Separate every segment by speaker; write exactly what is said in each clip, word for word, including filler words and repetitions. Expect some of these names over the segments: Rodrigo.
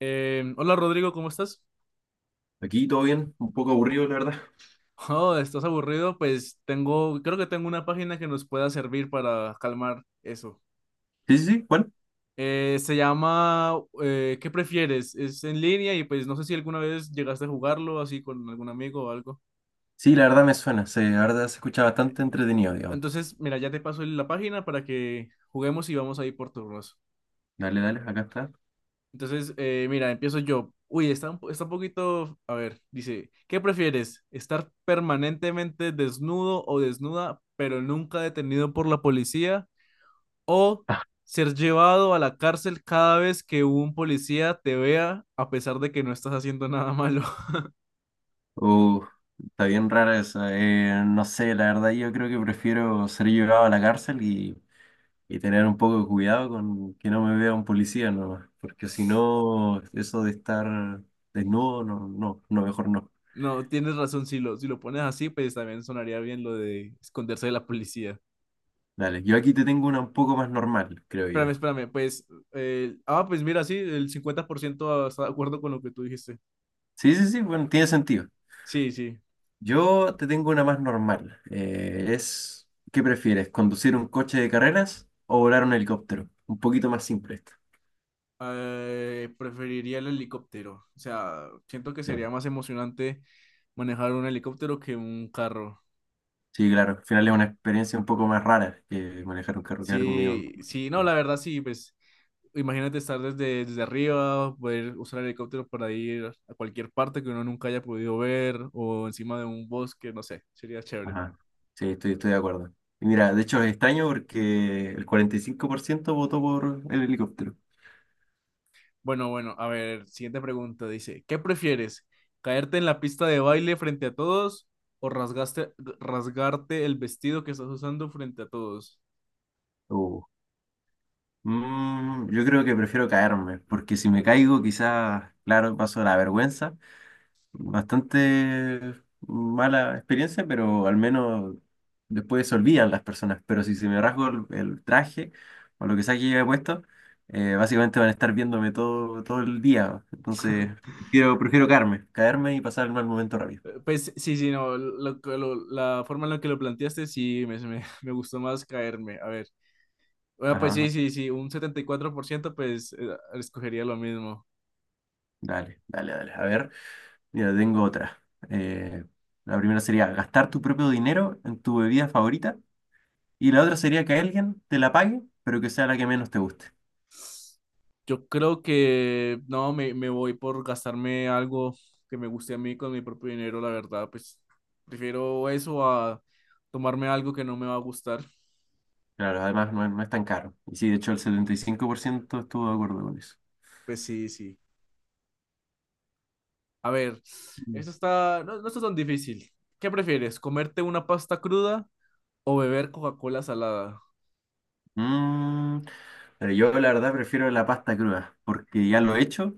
Speaker 1: Eh, hola Rodrigo, ¿cómo estás?
Speaker 2: Aquí todo bien, un poco aburrido, la verdad.
Speaker 1: Oh, ¿estás aburrido? Pues tengo, creo que tengo una página que nos pueda servir para calmar eso.
Speaker 2: Sí, sí, sí, ¿cuál?
Speaker 1: Eh, se llama eh, ¿Qué prefieres? Es en línea y pues no sé si alguna vez llegaste a jugarlo así con algún amigo o algo.
Speaker 2: Sí, la verdad me suena, se, la verdad se escucha bastante entretenido, digamos.
Speaker 1: Entonces, mira, ya te paso la página para que juguemos y vamos ahí por turnos.
Speaker 2: Dale, dale, acá está.
Speaker 1: Entonces, eh, mira, empiezo yo. Uy, está un, po- está un poquito, a ver, dice, ¿qué prefieres? ¿Estar permanentemente desnudo o desnuda, pero nunca detenido por la policía? O ser llevado a la cárcel cada vez que un policía te vea, a pesar de que no estás haciendo nada malo.
Speaker 2: Oh, está bien rara esa. eh, no sé, la verdad yo creo que prefiero ser llevado a la cárcel y, y tener un poco de cuidado con que no me vea un policía nomás, porque si no, eso de estar desnudo, no, no, no, mejor no.
Speaker 1: No, tienes razón, si lo, si lo pones así, pues también sonaría bien lo de esconderse de la policía.
Speaker 2: Dale, yo aquí te tengo una un poco más normal, creo yo.
Speaker 1: Espérame, espérame, pues, eh, ah, pues mira, sí, el cincuenta por ciento está de acuerdo con lo que tú dijiste.
Speaker 2: Sí, sí, sí, bueno, tiene sentido.
Speaker 1: Sí, sí.
Speaker 2: Yo te tengo una más normal. Eh, es, ¿qué prefieres? ¿Conducir un coche de carreras o volar un helicóptero? Un poquito más simple esto.
Speaker 1: Eh, preferiría el helicóptero. O sea, siento que
Speaker 2: Pero,
Speaker 1: sería más emocionante manejar un helicóptero que un carro.
Speaker 2: sí, claro. Al final es una experiencia un poco más rara que manejar un carro que algo medio.
Speaker 1: Sí, sí, no, la verdad sí, pues imagínate estar desde, desde arriba, poder usar el helicóptero para ir a cualquier parte que uno nunca haya podido ver o encima de un bosque, no sé, sería chévere.
Speaker 2: Ajá. Sí, estoy, estoy de acuerdo. Y mira, de hecho es extraño porque el cuarenta y cinco por ciento votó por el helicóptero.
Speaker 1: Bueno, bueno, a ver, siguiente pregunta dice, ¿qué prefieres? ¿Caerte en la pista de baile frente a todos o rasgaste, rasgarte el vestido que estás usando frente a todos?
Speaker 2: Uh. Mm, yo creo que prefiero caerme, porque si me caigo quizás, claro, paso la vergüenza, bastante mala experiencia, pero al menos después se olvidan las personas. Pero si se me rasgo el, el traje o lo que sea que lleve puesto, eh, básicamente van a estar viéndome todo, todo el día. Entonces, prefiero, prefiero caerme, caerme y pasar el mal momento rápido.
Speaker 1: Eh, Pues sí, sí, no, lo que lo- la forma en la que lo planteaste sí me, me, me gustó más caerme. A ver, bueno,
Speaker 2: Ajá,
Speaker 1: pues sí,
Speaker 2: ajá.
Speaker 1: sí, sí, un setenta y cuatro por ciento pues eh, escogería lo mismo.
Speaker 2: Dale, dale, dale. A ver, mira, tengo otra. Eh, la primera sería gastar tu propio dinero en tu bebida favorita y la otra sería que alguien te la pague, pero que sea la que menos te guste.
Speaker 1: Yo creo que no, me, me voy por gastarme algo que me guste a mí con mi propio dinero, la verdad, pues prefiero eso a tomarme algo que no me va a gustar.
Speaker 2: Claro, además no es, no es tan caro. Y sí, de hecho el setenta y cinco por ciento estuvo de acuerdo con eso.
Speaker 1: Pues sí, sí. A ver,
Speaker 2: Mm.
Speaker 1: esto está, no, no está tan difícil. ¿Qué prefieres, comerte una pasta cruda o beber Coca-Cola salada?
Speaker 2: Mm, pero yo la verdad prefiero la pasta cruda, porque ya lo he hecho,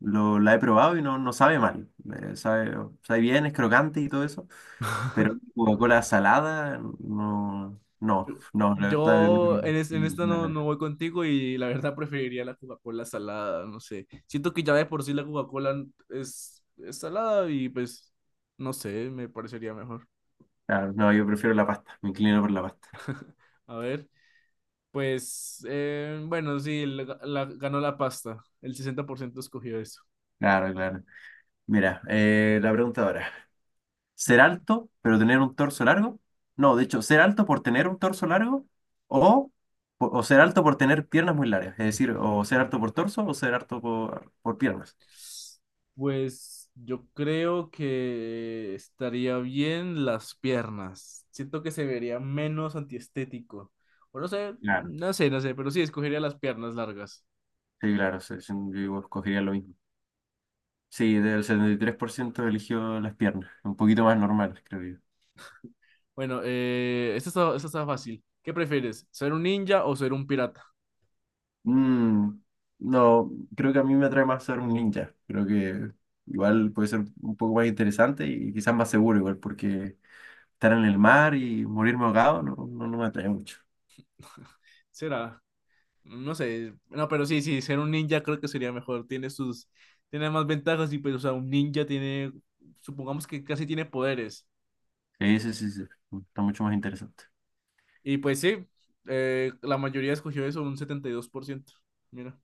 Speaker 2: lo, la he probado y no, no sabe mal. Eh, sabe, sabe bien, es crocante y todo eso, pero Coca-Cola salada, no, no, no, la verdad, no,
Speaker 1: Yo en, es- en esta no,
Speaker 2: no,
Speaker 1: no voy contigo y la verdad preferiría la Coca-Cola salada, no sé. Siento que ya de por sí la Coca-Cola es, es salada y pues no sé, me parecería mejor.
Speaker 2: claro, no, yo prefiero la pasta, me inclino por la pasta.
Speaker 1: A ver, pues eh, bueno, sí, la- la- ganó la pasta, el sesenta por ciento escogió eso.
Speaker 2: Claro, claro. Mira, eh, la pregunta ahora. Ser alto, pero tener un torso largo. No, de hecho, ser alto por tener un torso largo o, o ser alto por tener piernas muy largas. Es decir, o ser alto por torso o ser alto por, por piernas.
Speaker 1: Pues yo creo que estaría bien las piernas. Siento que se vería menos antiestético. O no sé,
Speaker 2: Claro,
Speaker 1: no sé, no sé, pero sí escogería las piernas largas.
Speaker 2: sí, claro, sí, sí, yo escogería lo mismo. Sí, del setenta y tres por ciento eligió las piernas, un poquito más normal creo yo.
Speaker 1: Bueno, eh, esta está, esta está fácil. ¿Qué prefieres? ¿Ser un ninja o ser un pirata?
Speaker 2: Mm, no, creo que a mí me atrae más ser un ninja. Creo que igual puede ser un poco más interesante y quizás más seguro igual, porque estar en el mar y morirme ahogado no, no, no me atrae mucho.
Speaker 1: Será, no sé, no, pero sí, sí, ser un ninja creo que sería mejor. Tiene sus, tiene más ventajas y pues, o sea, un ninja tiene, supongamos que casi tiene poderes.
Speaker 2: Sí, sí, sí, sí. Está mucho más interesante.
Speaker 1: Y pues sí, eh, la mayoría escogió eso, un setenta y dos por ciento. Mira,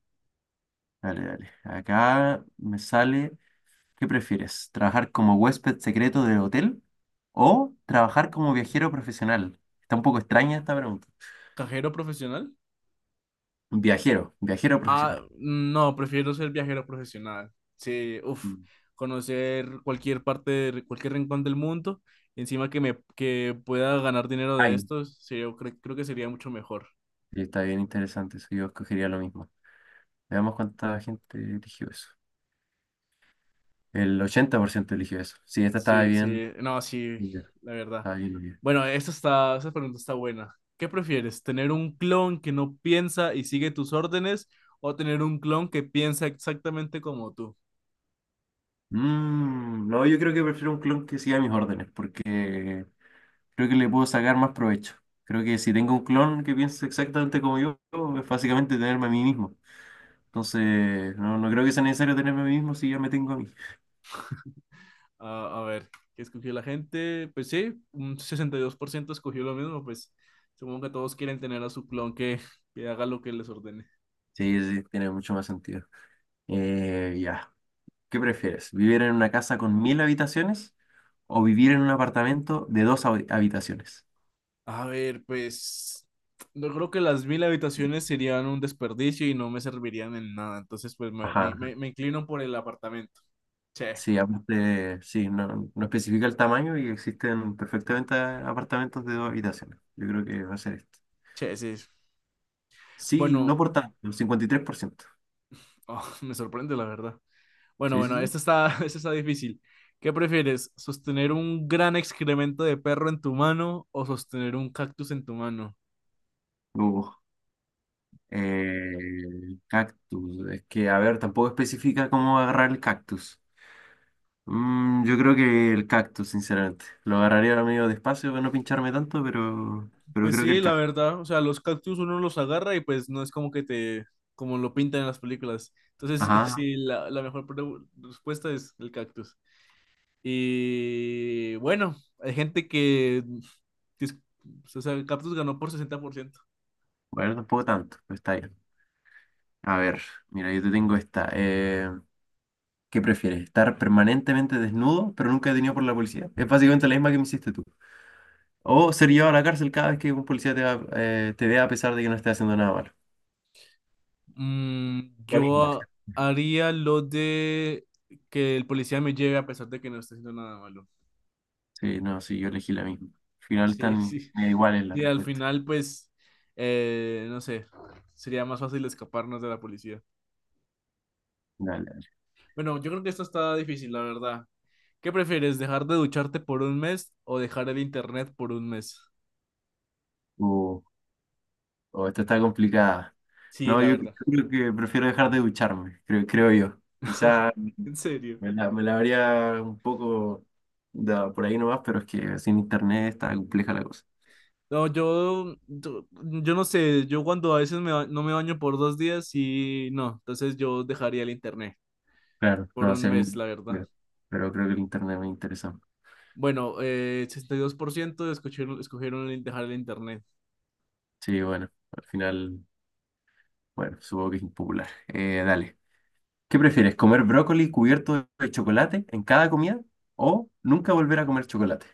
Speaker 2: Dale, dale. Acá me sale, ¿qué prefieres? ¿Trabajar como huésped secreto del hotel o trabajar como viajero profesional? Está un poco extraña esta pregunta.
Speaker 1: cajero profesional.
Speaker 2: Viajero, viajero
Speaker 1: Ah,
Speaker 2: profesional.
Speaker 1: no, prefiero ser viajero profesional. Sí, uff,
Speaker 2: Mm.
Speaker 1: conocer cualquier parte, de- cualquier rincón del mundo, encima que me que pueda ganar dinero de
Speaker 2: Ay,
Speaker 1: esto, sí, yo cre- creo que sería mucho mejor.
Speaker 2: sí, está bien interesante eso. Yo escogería lo mismo. Veamos cuánta gente eligió eso. El ochenta por ciento eligió eso. Sí, esta estaba
Speaker 1: Sí, sí,
Speaker 2: bien.
Speaker 1: no, sí,
Speaker 2: Ya,
Speaker 1: la verdad.
Speaker 2: estaba bien, bien.
Speaker 1: Bueno, esta está, esa pregunta está buena. ¿Qué prefieres? ¿Tener un clon que no piensa y sigue tus órdenes o tener un clon que piensa exactamente como tú?
Speaker 2: Mm, no, yo creo que prefiero un clon que siga mis órdenes, porque creo que le puedo sacar más provecho. Creo que si tengo un clon que piense exactamente como yo, es básicamente tenerme a mí mismo. Entonces, no, no creo que sea necesario tenerme a mí mismo si ya me tengo a mí.
Speaker 1: Ah, a ver, ¿qué escogió la gente? Pues sí, un sesenta y dos por ciento escogió lo mismo, pues supongo que todos quieren tener a su clon que, que haga lo que les ordene.
Speaker 2: Sí, sí, sí, tiene mucho más sentido. Eh, ya. ¿Qué prefieres? ¿Vivir en una casa con mil habitaciones o vivir en un apartamento de dos habi- habitaciones?
Speaker 1: A ver, pues yo creo que las mil habitaciones serían un desperdicio y no me servirían en nada, entonces pues me,
Speaker 2: Ajá.
Speaker 1: me-
Speaker 2: Ajá.
Speaker 1: me- me inclino por el apartamento. Che,
Speaker 2: Sí, aparte, sí, no, no especifica el tamaño y existen perfectamente apartamentos de dos habitaciones. Yo creo que va a ser esto.
Speaker 1: che, sí.
Speaker 2: Sí, no
Speaker 1: Bueno,
Speaker 2: por tanto, el cincuenta y tres por ciento.
Speaker 1: oh, me sorprende la verdad. Bueno,
Speaker 2: Sí, sí,
Speaker 1: bueno,
Speaker 2: sí.
Speaker 1: esto está, esto está difícil. ¿Qué prefieres? ¿Sostener un gran excremento de perro en tu mano o sostener un cactus en tu mano?
Speaker 2: Uh, eh, cactus. Es que, a ver, tampoco especifica cómo agarrar el cactus. Mm, yo creo que el cactus, sinceramente. Lo agarraría ahora medio despacio para no pincharme tanto, pero, pero
Speaker 1: Pues
Speaker 2: creo que
Speaker 1: sí,
Speaker 2: el
Speaker 1: la
Speaker 2: cactus.
Speaker 1: verdad, o sea, los cactus uno los agarra y pues no es como que te, como lo pintan en las películas. Entonces,
Speaker 2: Ajá.
Speaker 1: sí, la, la mejor pre- respuesta es el cactus. Y bueno, hay gente que, dis- o sea, el cactus ganó por sesenta por ciento.
Speaker 2: Bueno, tampoco tanto, pero está bien. A ver, mira, yo te tengo esta. Eh, ¿qué prefieres? ¿Estar permanentemente desnudo, pero nunca detenido por la policía? Es básicamente la misma que me hiciste tú. O ser llevado a la cárcel cada vez que un policía te, va- eh, te vea a pesar de que no esté haciendo nada malo.
Speaker 1: Mm,
Speaker 2: La misma.
Speaker 1: yo haría lo de que el policía me lleve a pesar de que no esté haciendo nada malo.
Speaker 2: Sí, no, sí, yo elegí la misma. Al final
Speaker 1: Sí,
Speaker 2: están
Speaker 1: sí.
Speaker 2: medio iguales las
Speaker 1: Y al
Speaker 2: respuestas.
Speaker 1: final, pues, eh, no sé, sería más fácil escaparnos de la policía.
Speaker 2: Dale, dale.
Speaker 1: Bueno, yo creo que esto está difícil, la verdad. ¿Qué prefieres, dejar de ducharte por un mes o dejar el internet por un mes?
Speaker 2: Uh, oh, esta está complicada.
Speaker 1: Sí,
Speaker 2: No,
Speaker 1: la
Speaker 2: yo
Speaker 1: verdad.
Speaker 2: creo que prefiero dejar de ducharme, creo, creo yo. Quizá
Speaker 1: En serio.
Speaker 2: me la, me la habría un poco dado por ahí nomás, pero es que sin internet está compleja la cosa.
Speaker 1: No, yo, yo, yo no sé, yo cuando a veces me, ba- no me baño por dos días y no, entonces yo dejaría el internet
Speaker 2: Claro,
Speaker 1: por
Speaker 2: no
Speaker 1: un
Speaker 2: sé a mí,
Speaker 1: mes, la verdad.
Speaker 2: claro, pero creo que el internet me interesa.
Speaker 1: Bueno, eh, sesenta y dos por ciento escogieron, escogieron el- dejar el internet.
Speaker 2: Sí, bueno, al final, bueno, supongo que es impopular. Eh, dale. ¿Qué prefieres? ¿Comer brócoli cubierto de chocolate en cada comida o nunca volver a comer chocolate?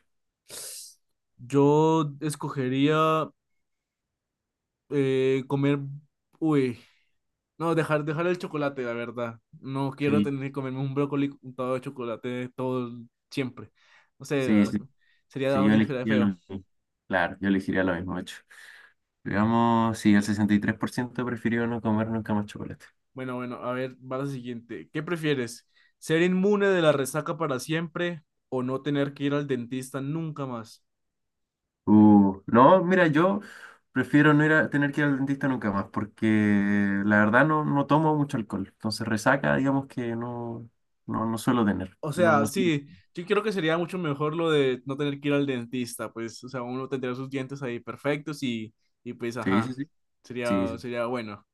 Speaker 1: Yo escogería eh, comer, uy, no, dejar, dejar el chocolate, la verdad. No quiero
Speaker 2: Sí,
Speaker 1: tener que comerme un brócoli untado de chocolate todo el- siempre. No sé,
Speaker 2: sí, sí,
Speaker 1: algo- sería
Speaker 2: sí,
Speaker 1: algo
Speaker 2: yo
Speaker 1: dife-
Speaker 2: elegiría lo
Speaker 1: feo.
Speaker 2: mismo. Claro, yo elegiría lo mismo, de hecho. Digamos, sí, el sesenta y tres por ciento prefirió no comer nunca más chocolate.
Speaker 1: Bueno, bueno, a ver, va la siguiente. ¿Qué prefieres? ¿Ser inmune de la resaca para siempre o no tener que ir al dentista nunca más?
Speaker 2: Uh, no, mira, yo prefiero no ir a tener que ir al dentista nunca más porque la verdad no, no tomo mucho alcohol. Entonces resaca, digamos que no, no, no suelo tener.
Speaker 1: O
Speaker 2: No,
Speaker 1: sea,
Speaker 2: no, sí,
Speaker 1: sí, yo creo que sería mucho mejor lo de no tener que ir al dentista, pues, o sea, uno tendría sus dientes ahí perfectos y, y pues,
Speaker 2: sí,
Speaker 1: ajá,
Speaker 2: sí, sí,
Speaker 1: sería,
Speaker 2: sí,
Speaker 1: sería bueno.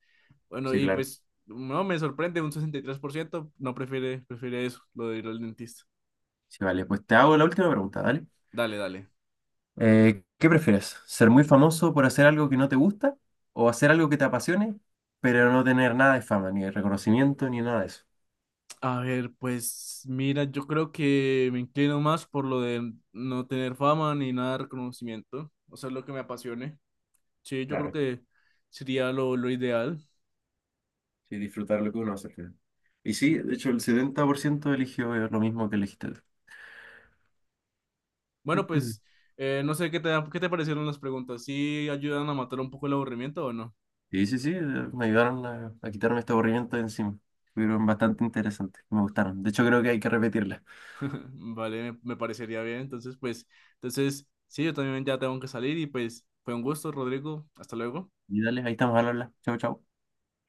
Speaker 1: Bueno,
Speaker 2: sí,
Speaker 1: y
Speaker 2: claro.
Speaker 1: pues no me sorprende, un sesenta y tres por ciento no prefiere, prefiere eso, lo de ir al dentista.
Speaker 2: Sí, vale, pues te hago la última pregunta, ¿vale?
Speaker 1: Dale, dale.
Speaker 2: Eh, ¿qué prefieres? ¿Ser muy famoso por hacer algo que no te gusta o hacer algo que te apasione, pero no tener nada de fama, ni de reconocimiento, ni nada de eso?
Speaker 1: A ver, pues mira, yo creo que me inclino más por lo de no tener fama ni nada de reconocimiento, o sea, lo que me apasione. Sí, yo creo
Speaker 2: Claro,
Speaker 1: que sería lo, lo ideal.
Speaker 2: sí, disfrutar lo que uno hace al final. Y sí, de hecho el setenta por ciento eligió eh, lo mismo que elegiste tú.
Speaker 1: Bueno, pues eh, no sé qué te, qué te parecieron las preguntas, ¿sí ayudan a matar un poco el aburrimiento o no?
Speaker 2: Y sí, sí, eh, me ayudaron a, a quitarme este aburrimiento de encima. Fueron bastante interesantes, me gustaron. De hecho creo que hay que repetirlas.
Speaker 1: Vale, me, me parecería bien. Entonces, pues, entonces, sí, yo también ya tengo que salir y pues fue un gusto, Rodrigo. Hasta luego.
Speaker 2: Y dale, ahí estamos al habla. Chau, chau.